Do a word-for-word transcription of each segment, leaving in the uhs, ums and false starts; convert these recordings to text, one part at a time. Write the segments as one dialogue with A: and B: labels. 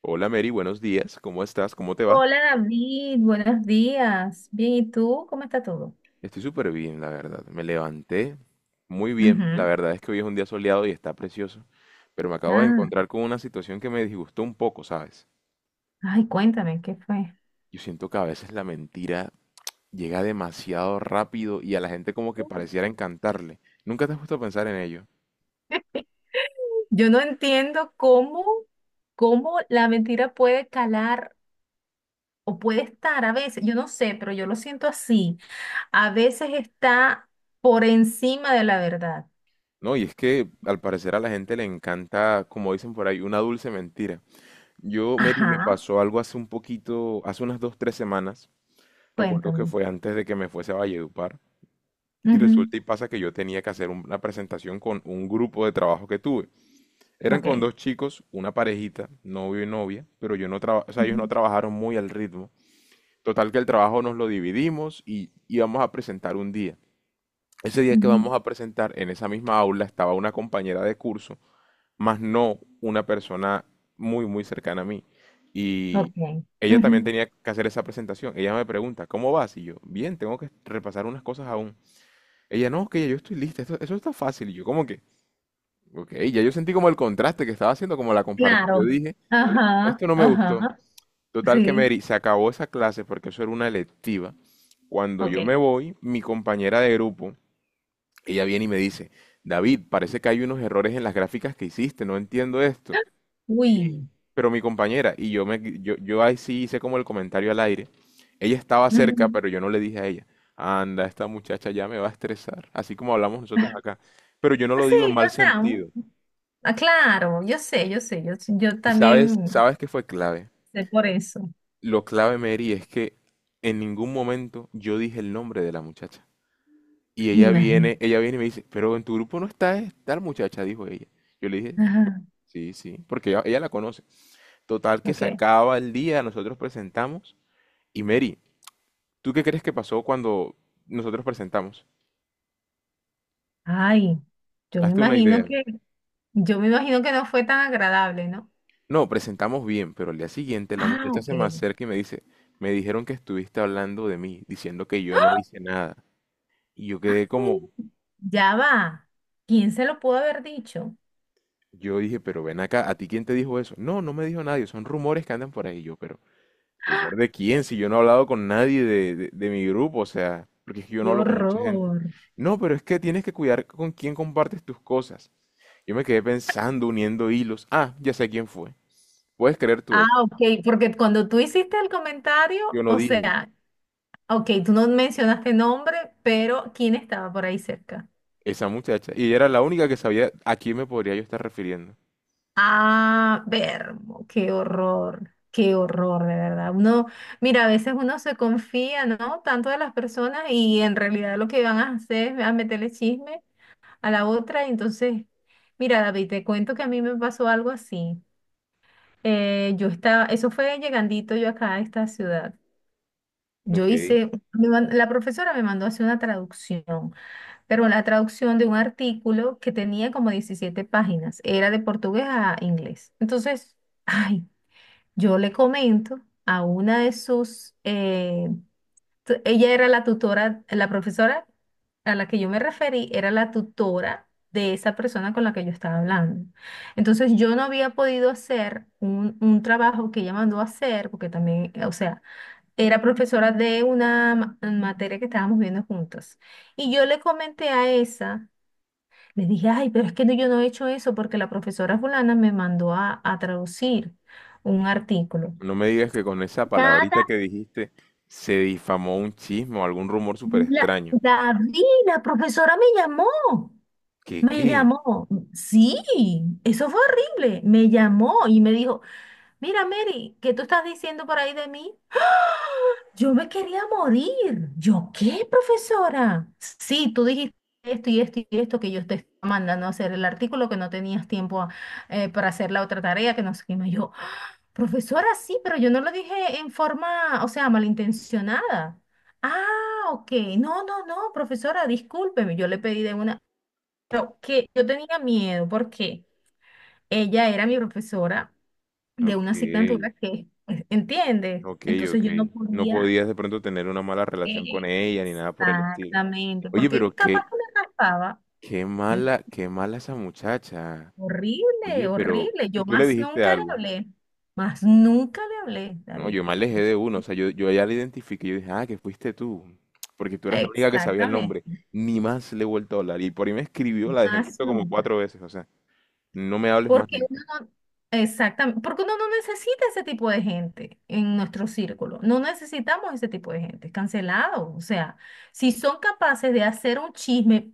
A: Hola Mary, buenos días. ¿Cómo estás? ¿Cómo te va?
B: Hola David, buenos días. Bien, ¿y tú? ¿Cómo está todo?
A: Estoy súper bien, la verdad. Me levanté muy bien. La
B: Ujú.
A: verdad es que hoy es un día soleado y está precioso. Pero me acabo de
B: Ah,
A: encontrar con una situación que me disgustó un poco, ¿sabes?
B: ay, cuéntame, ¿qué fue?
A: Yo siento que a veces la mentira llega demasiado rápido y a la gente como que pareciera encantarle. Nunca te has puesto a pensar en ello.
B: Yo no entiendo cómo, cómo la mentira puede calar o puede estar a veces, yo no sé, pero yo lo siento así. A veces está por encima de la verdad.
A: No, y es que al parecer a la gente le encanta, como dicen por ahí, una dulce mentira. Yo, Mary, me
B: Ajá,
A: pasó algo hace un poquito, hace unas dos, tres semanas. Recuerdo que
B: cuéntame.
A: fue antes de que me fuese a Valledupar y
B: Ujú.
A: resulta y pasa que yo tenía que hacer un- una presentación con un grupo de trabajo que tuve. Eran con
B: Ok.
A: dos chicos, una parejita, novio y novia, pero yo no traba- o sea, ellos no
B: Ujú,
A: trabajaron muy al ritmo. Total que el trabajo nos lo dividimos y íbamos a presentar un día. Ese día que
B: ujú.
A: vamos a presentar, en esa misma aula estaba una compañera de curso, más no una persona muy, muy cercana a mí. Y
B: Ok.
A: ella
B: Ujú.
A: también tenía que hacer esa presentación. Ella me pregunta, ¿cómo vas? Y yo, bien, tengo que repasar unas cosas aún. Ella, no, que ya yo estoy lista, esto- eso está fácil. Y yo, ¿cómo que? Ok, ya yo sentí como el contraste que estaba haciendo, como la comparación.
B: Claro.
A: Yo dije,
B: Ajá,
A: esto no me gustó.
B: ajá.
A: Total que,
B: Sí,
A: Mary, se acabó esa clase porque eso era una electiva. Cuando
B: ok.
A: yo me voy, mi compañera de grupo, ella viene y me dice, David, parece que hay unos errores en las gráficas que hiciste, no entiendo esto.
B: Uy.
A: Pero mi compañera, y yo, me, yo, yo ahí sí hice como el comentario al aire, ella estaba cerca,
B: Ujú.
A: pero yo no le dije a ella, anda, esta muchacha ya me va a estresar, así como hablamos nosotros acá. Pero yo no
B: Pues
A: lo
B: sí,
A: digo en mal
B: o sea,
A: sentido.
B: un- ah, claro, yo sé, yo sé, yo, yo
A: Y sabes,
B: también
A: ¿sabes qué fue clave?
B: sé por eso.
A: Lo clave, Mary, es que en ningún momento yo dije el nombre de la muchacha. Y
B: Me
A: ella
B: imagino.
A: viene, ella viene y me dice, pero en tu grupo no está es- tal muchacha, dijo ella. Yo le dije,
B: Ajá,
A: sí, sí, porque ella, ella la conoce. Total que se
B: ok.
A: acaba el día, nosotros presentamos. Y Mary, ¿tú qué crees que pasó cuando nosotros presentamos?
B: Ay, yo me
A: Hazte una
B: imagino
A: idea.
B: que, yo me imagino que no fue tan agradable, ¿no?
A: No, presentamos bien, pero al día siguiente la
B: Ah,
A: muchacha
B: ok.
A: se me acerca y me dice, me dijeron que estuviste hablando de mí, diciendo que yo no hice nada. Y yo quedé
B: ¡Ay!
A: como,
B: Ya va. ¿Quién se lo pudo haber dicho?
A: yo dije, pero ven acá, ¿a ti quién te dijo eso? No, no me dijo nadie, son rumores que andan por ahí. Y yo, pero ¿rumor de quién? Si yo no he hablado con nadie de, de- de mi grupo, o sea, porque es que yo no
B: Qué
A: hablo con mucha gente.
B: horror.
A: No, pero es que tienes que cuidar con quién compartes tus cosas. Yo me quedé pensando, uniendo hilos. Ah, ya sé quién fue. ¿Puedes creer tú
B: Ah,
A: eso?
B: ok, porque cuando tú hiciste el
A: Yo
B: comentario,
A: no
B: o
A: dije,
B: sea, ok, tú no mencionaste nombre, pero ¿quién estaba por ahí cerca?
A: esa muchacha. Y ella era la única que sabía a quién me podría yo estar refiriendo.
B: Ah, ver, qué horror, qué horror, de verdad. Uno, mira, a veces uno se confía, ¿no? Tanto de las personas y en realidad lo que van a hacer es a meterle chisme a la otra. Y entonces, mira, David, te cuento que a mí me pasó algo así. Eh, yo estaba, eso fue llegandito yo acá a esta ciudad. Yo
A: Ok.
B: hice, me man- la profesora me mandó a hacer una traducción, pero la traducción de un artículo que tenía como diecisiete páginas, era de portugués a inglés. Entonces... Ay, yo le comento a una de sus, eh, tu- ella era la tutora, la profesora a la que yo me referí, era la tutora de esa persona con la que yo estaba hablando. Entonces yo no había podido hacer un, un trabajo que ella mandó a hacer, porque también, eh, o sea, era profesora de una ma- materia que estábamos viendo juntas. Y yo le comenté a esa, le dije, ay, pero es que no- yo no he hecho eso porque la profesora fulana me mandó a a traducir un artículo.
A: No me digas que con esa
B: Nada,
A: palabrita que dijiste se difamó un chisme o algún rumor súper
B: la,
A: extraño.
B: David, la profesora me llamó,
A: ¿Qué
B: me
A: qué?
B: llamó, sí, eso fue horrible, me llamó y me dijo, mira Mary, ¿qué tú estás diciendo por ahí de mí? Yo me quería morir, ¿yo qué, profesora? Sí, tú dijiste esto y esto y esto que yo te estaba mandando a hacer el artículo, que no tenías tiempo eh, para hacer la otra tarea, que no sé qué más yo. Profesora, sí, pero yo no lo dije en forma, o sea, malintencionada. Ah, ok. No, no, no, profesora, discúlpeme, yo le pedí de una, pero que yo tenía miedo porque ella era mi profesora de una
A: Ok,
B: asignatura que, eh, ¿entiendes?
A: ok,
B: Entonces
A: ok.
B: yo no
A: No
B: podía,
A: podías de pronto tener una mala relación con
B: eh,
A: ella ni nada por el estilo.
B: exactamente,
A: Oye, pero
B: porque capaz
A: qué,
B: que me raspaba.
A: qué
B: ¿Entiendes?
A: mala, qué mala esa muchacha.
B: Horrible,
A: Oye, pero
B: horrible. Yo
A: ¿y tú le
B: más
A: dijiste
B: nunca le
A: algo?
B: hablé, más nunca le hablé,
A: No,
B: David.
A: yo me alejé de uno, o sea, yo, yo ya le identifiqué, yo dije, ah, que fuiste tú, porque tú eras la única que sabía el
B: Exactamente.
A: nombre, ni más le he vuelto a hablar, y por ahí me escribió, la dejé en visto como
B: Azul.
A: cuatro veces, o sea, no me hables más
B: Porque uno
A: nunca.
B: no, exactamente, porque uno no necesita ese tipo de gente en nuestro círculo. No necesitamos ese tipo de gente, cancelado. O sea, si son capaces de hacer un chisme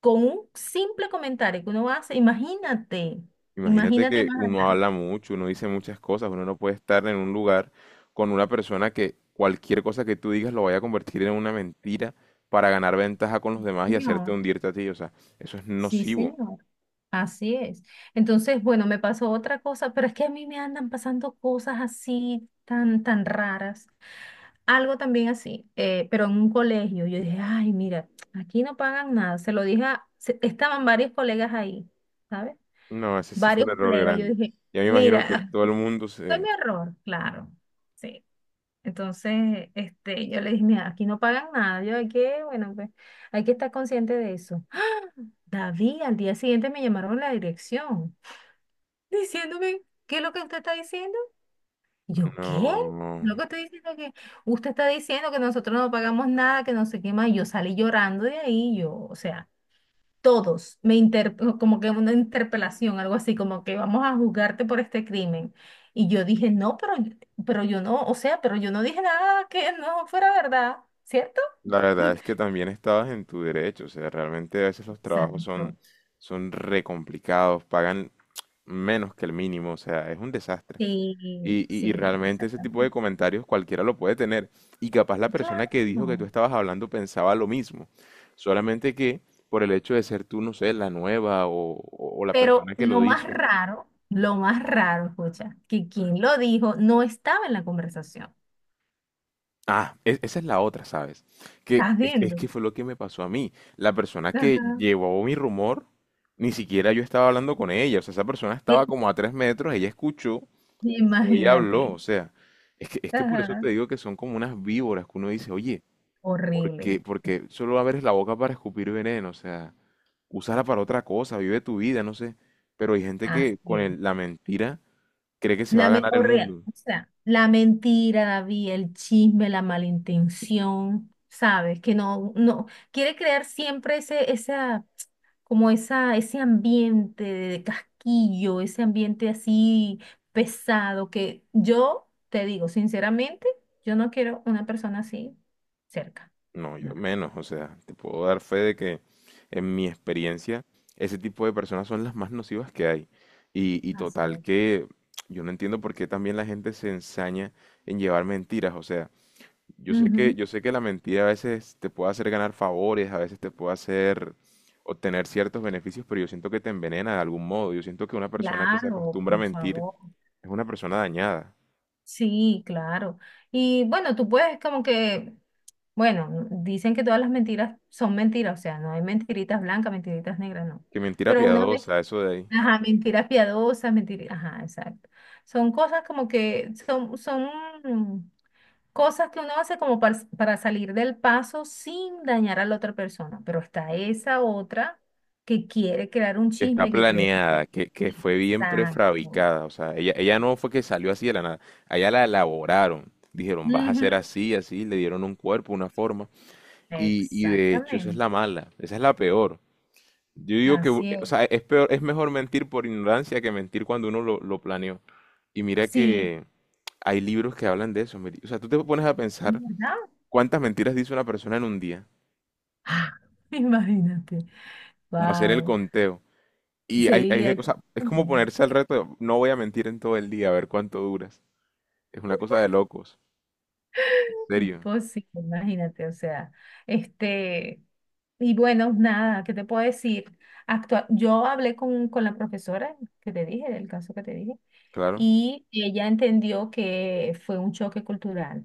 B: con un simple comentario que uno hace, imagínate,
A: Imagínate
B: imagínate
A: que
B: más
A: uno
B: adelante.
A: habla mucho, uno dice muchas cosas, uno no puede estar en un lugar con una persona que cualquier cosa que tú digas lo vaya a convertir en una mentira para ganar ventaja con los demás y hacerte
B: Señor,
A: hundirte a ti, o sea, eso es
B: sí,
A: nocivo.
B: señor. Así es. Entonces, bueno, me pasó otra cosa, pero es que a mí me andan pasando cosas así tan, tan raras. Algo también así, eh, pero en un colegio. Yo dije, ay, mira, aquí no pagan nada. Se lo dije a- se- estaban varios colegas ahí, ¿sabes?
A: No, ese sí fue un
B: Varios
A: error
B: colegas. Yo
A: grande.
B: dije,
A: Ya me imagino
B: mira,
A: que todo el mundo
B: fue
A: se...
B: mi error, claro. Sí. Entonces, este, yo le dije, mira, aquí no pagan nada. Yo hay que, bueno, pues, hay que estar consciente de eso. ¡Ah! David, al día siguiente me llamaron a la dirección diciéndome, ¿qué es lo que usted está diciendo? Yo, ¿qué?
A: No.
B: Lo que estoy diciendo que usted está diciendo que nosotros no pagamos nada, que no sé qué más. Y yo salí llorando de ahí, yo, o sea, todos me inter, no, como que una interpelación, algo así, como que vamos a juzgarte por este crimen. Y yo dije, no, pero, pero, yo no, o sea, pero yo no dije nada que no fuera verdad, ¿cierto?
A: La verdad es que también estabas en tu derecho, o sea, realmente a veces los trabajos son,
B: Exacto.
A: son re complicados, pagan menos que el mínimo, o sea, es un desastre.
B: Sí,
A: Y, y, y
B: sí,
A: realmente ese tipo de
B: exactamente.
A: comentarios cualquiera lo puede tener. Y capaz la persona que dijo que tú
B: Claro.
A: estabas hablando pensaba lo mismo, solamente que por el hecho de ser tú, no sé, la nueva o, o o la
B: Pero
A: persona que
B: lo
A: lo
B: más
A: hizo.
B: raro, lo más raro, escucha, que quien lo dijo no estaba en la conversación.
A: Ah, e- esa es la otra, ¿sabes? Que
B: ¿Estás
A: es, es
B: viendo?
A: que fue lo que me pasó a mí. La persona
B: Ajá.
A: que llevó mi rumor, ni siquiera yo estaba hablando con ella. O sea, esa persona
B: Eh,
A: estaba como a tres metros, ella escuchó o ella
B: Imagínate.
A: habló. O sea, es que, es que por eso
B: Ajá.
A: te digo que son como unas víboras que uno dice, oye, ¿por
B: Horrible.
A: qué? Porque solo abres la boca para escupir veneno. O sea, úsala para otra cosa, vive tu vida, no sé. Pero hay gente que con
B: Así es.
A: el- la mentira cree que se va a
B: La me-
A: ganar el
B: horrible.
A: mundo.
B: O sea, la mentira, David, el chisme, la malintención, ¿sabes? Que no, no, quiere crear siempre ese, esa como esa, ese ambiente de casquillo, ese ambiente así pesado, que yo te digo, sinceramente, yo no quiero una persona así cerca.
A: No, yo
B: No.
A: menos, o sea, te puedo dar fe de que en mi experiencia ese tipo de personas son las más nocivas que hay. Y, y
B: Así
A: total
B: es.
A: que yo no entiendo por qué también la gente se ensaña en llevar mentiras, o sea, yo sé que
B: Ujú.
A: yo sé que la mentira a veces te puede hacer ganar favores, a veces te puede hacer obtener ciertos beneficios, pero yo siento que te envenena de algún modo. Yo siento que una persona que se
B: Claro,
A: acostumbra a
B: por
A: mentir
B: favor.
A: es una persona dañada.
B: Sí, claro. Y bueno, tú puedes como que, bueno, dicen que todas las mentiras son mentiras, o sea, no hay mentiritas blancas, mentiritas negras, no.
A: Que mentira
B: Pero una vez
A: piadosa, eso de ahí.
B: ajá, mentiras piadosas, mentiras, ajá, exacto. Son cosas como que son, son cosas que uno hace como par- para, salir del paso sin dañar a la otra persona, pero está esa otra que quiere crear un
A: Que está
B: chisme, que cree que
A: planeada,
B: quiere-
A: que, que fue bien
B: Exacto.
A: prefabricada. O sea, ella, ella no fue que salió así de la nada. Allá la elaboraron. Dijeron, vas a
B: Ujú.
A: ser así, así. Le dieron un cuerpo, una forma. Y, y de hecho, esa es
B: Exactamente.
A: la mala. Esa es la peor. Yo digo que, u-
B: Así
A: o
B: es.
A: sea, es peor, es mejor mentir por ignorancia que mentir cuando uno lo, lo planeó. Y mira
B: Sí,
A: que hay libros que hablan de eso, mire. O sea, tú te pones a pensar
B: ¿verdad?
A: cuántas mentiras dice una persona en un día.
B: Ah, imagínate.
A: Como hacer el
B: Wow.
A: conteo. Y hay,
B: Sí,
A: hay,
B: hay
A: o
B: que...
A: sea, es como ponerse al reto, de, no voy a mentir en todo el día, a ver cuánto duras. Es una cosa de locos, en serio,
B: Imposible, imagínate, o sea, este, y bueno, nada, ¿qué te puedo decir? Actua- yo hablé con, con la profesora que te dije, del caso que te dije,
A: claro.
B: y ella entendió que fue un choque cultural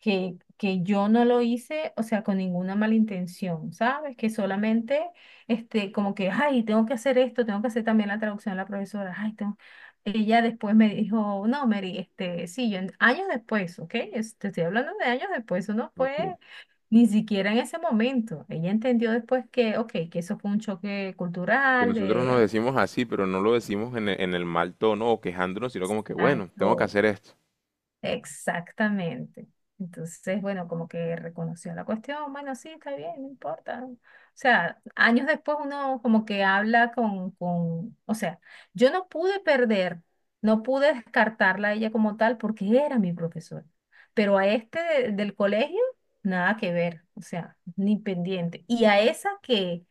B: que, que yo no lo hice, o sea, con ninguna mala intención, ¿sabes? Que solamente, este, como que, ay, tengo que hacer esto, tengo que hacer también la traducción a la profesora, ay, tengo... Ella después me dijo, no, Mary, este, sí, yo en- años después, ¿ok? Es- Te estoy hablando de años después, eso no fue
A: Ok.
B: ni siquiera en ese momento. Ella entendió después que, ok, que eso fue un choque
A: Que
B: cultural,
A: nosotros nos
B: de...
A: decimos así, pero no lo decimos en el, en el mal tono o quejándonos, sino como que, bueno, tengo que
B: acto
A: hacer esto.
B: Exactamente. Entonces, bueno, como que reconoció la cuestión, bueno, sí, está bien, no importa. O sea, años después uno como que habla con, con, o sea, yo no pude perder, no pude descartarla a ella como tal porque era mi profesora, pero a este de- del colegio, nada que ver, o sea, ni pendiente. Y a esa que,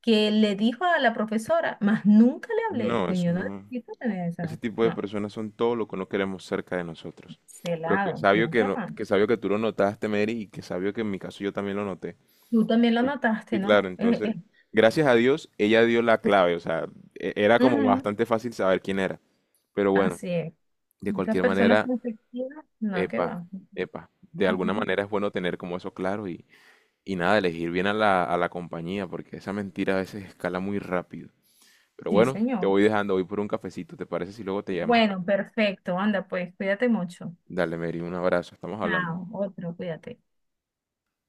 B: que le dijo a la profesora, más nunca le hablé,
A: No,
B: pues
A: eso
B: yo no
A: no.
B: necesito tener
A: Ese
B: esa,
A: tipo de
B: no,
A: personas son todo lo que no queremos cerca de nosotros. Pero que
B: celado,
A: sabio que,
B: nunca
A: no-
B: más.
A: que sabio que tú lo notaste, Mary, y que sabio que en mi caso yo también lo noté.
B: Tú también lo
A: Y,
B: notaste,
A: y claro,
B: ¿no? Eh,
A: entonces,
B: eh,
A: gracias a Dios, ella dio la clave, o sea, e- era como
B: Ujú.
A: bastante fácil saber quién era. Pero bueno,
B: Así es.
A: de
B: Esas
A: cualquier
B: personas
A: manera,
B: conflictivas, no, que
A: epa,
B: va.
A: epa, de alguna
B: Ujú.
A: manera es bueno tener como eso claro y, y nada, elegir bien a la, a la compañía, porque esa mentira a veces escala muy rápido. Pero
B: Sí,
A: bueno, te
B: señor.
A: voy dejando, voy por un cafecito, ¿te parece si luego te llamo?
B: Bueno, perfecto. Anda, pues, cuídate mucho.
A: Dale, Mary, un abrazo, estamos hablando.
B: Chao, otro, cuídate.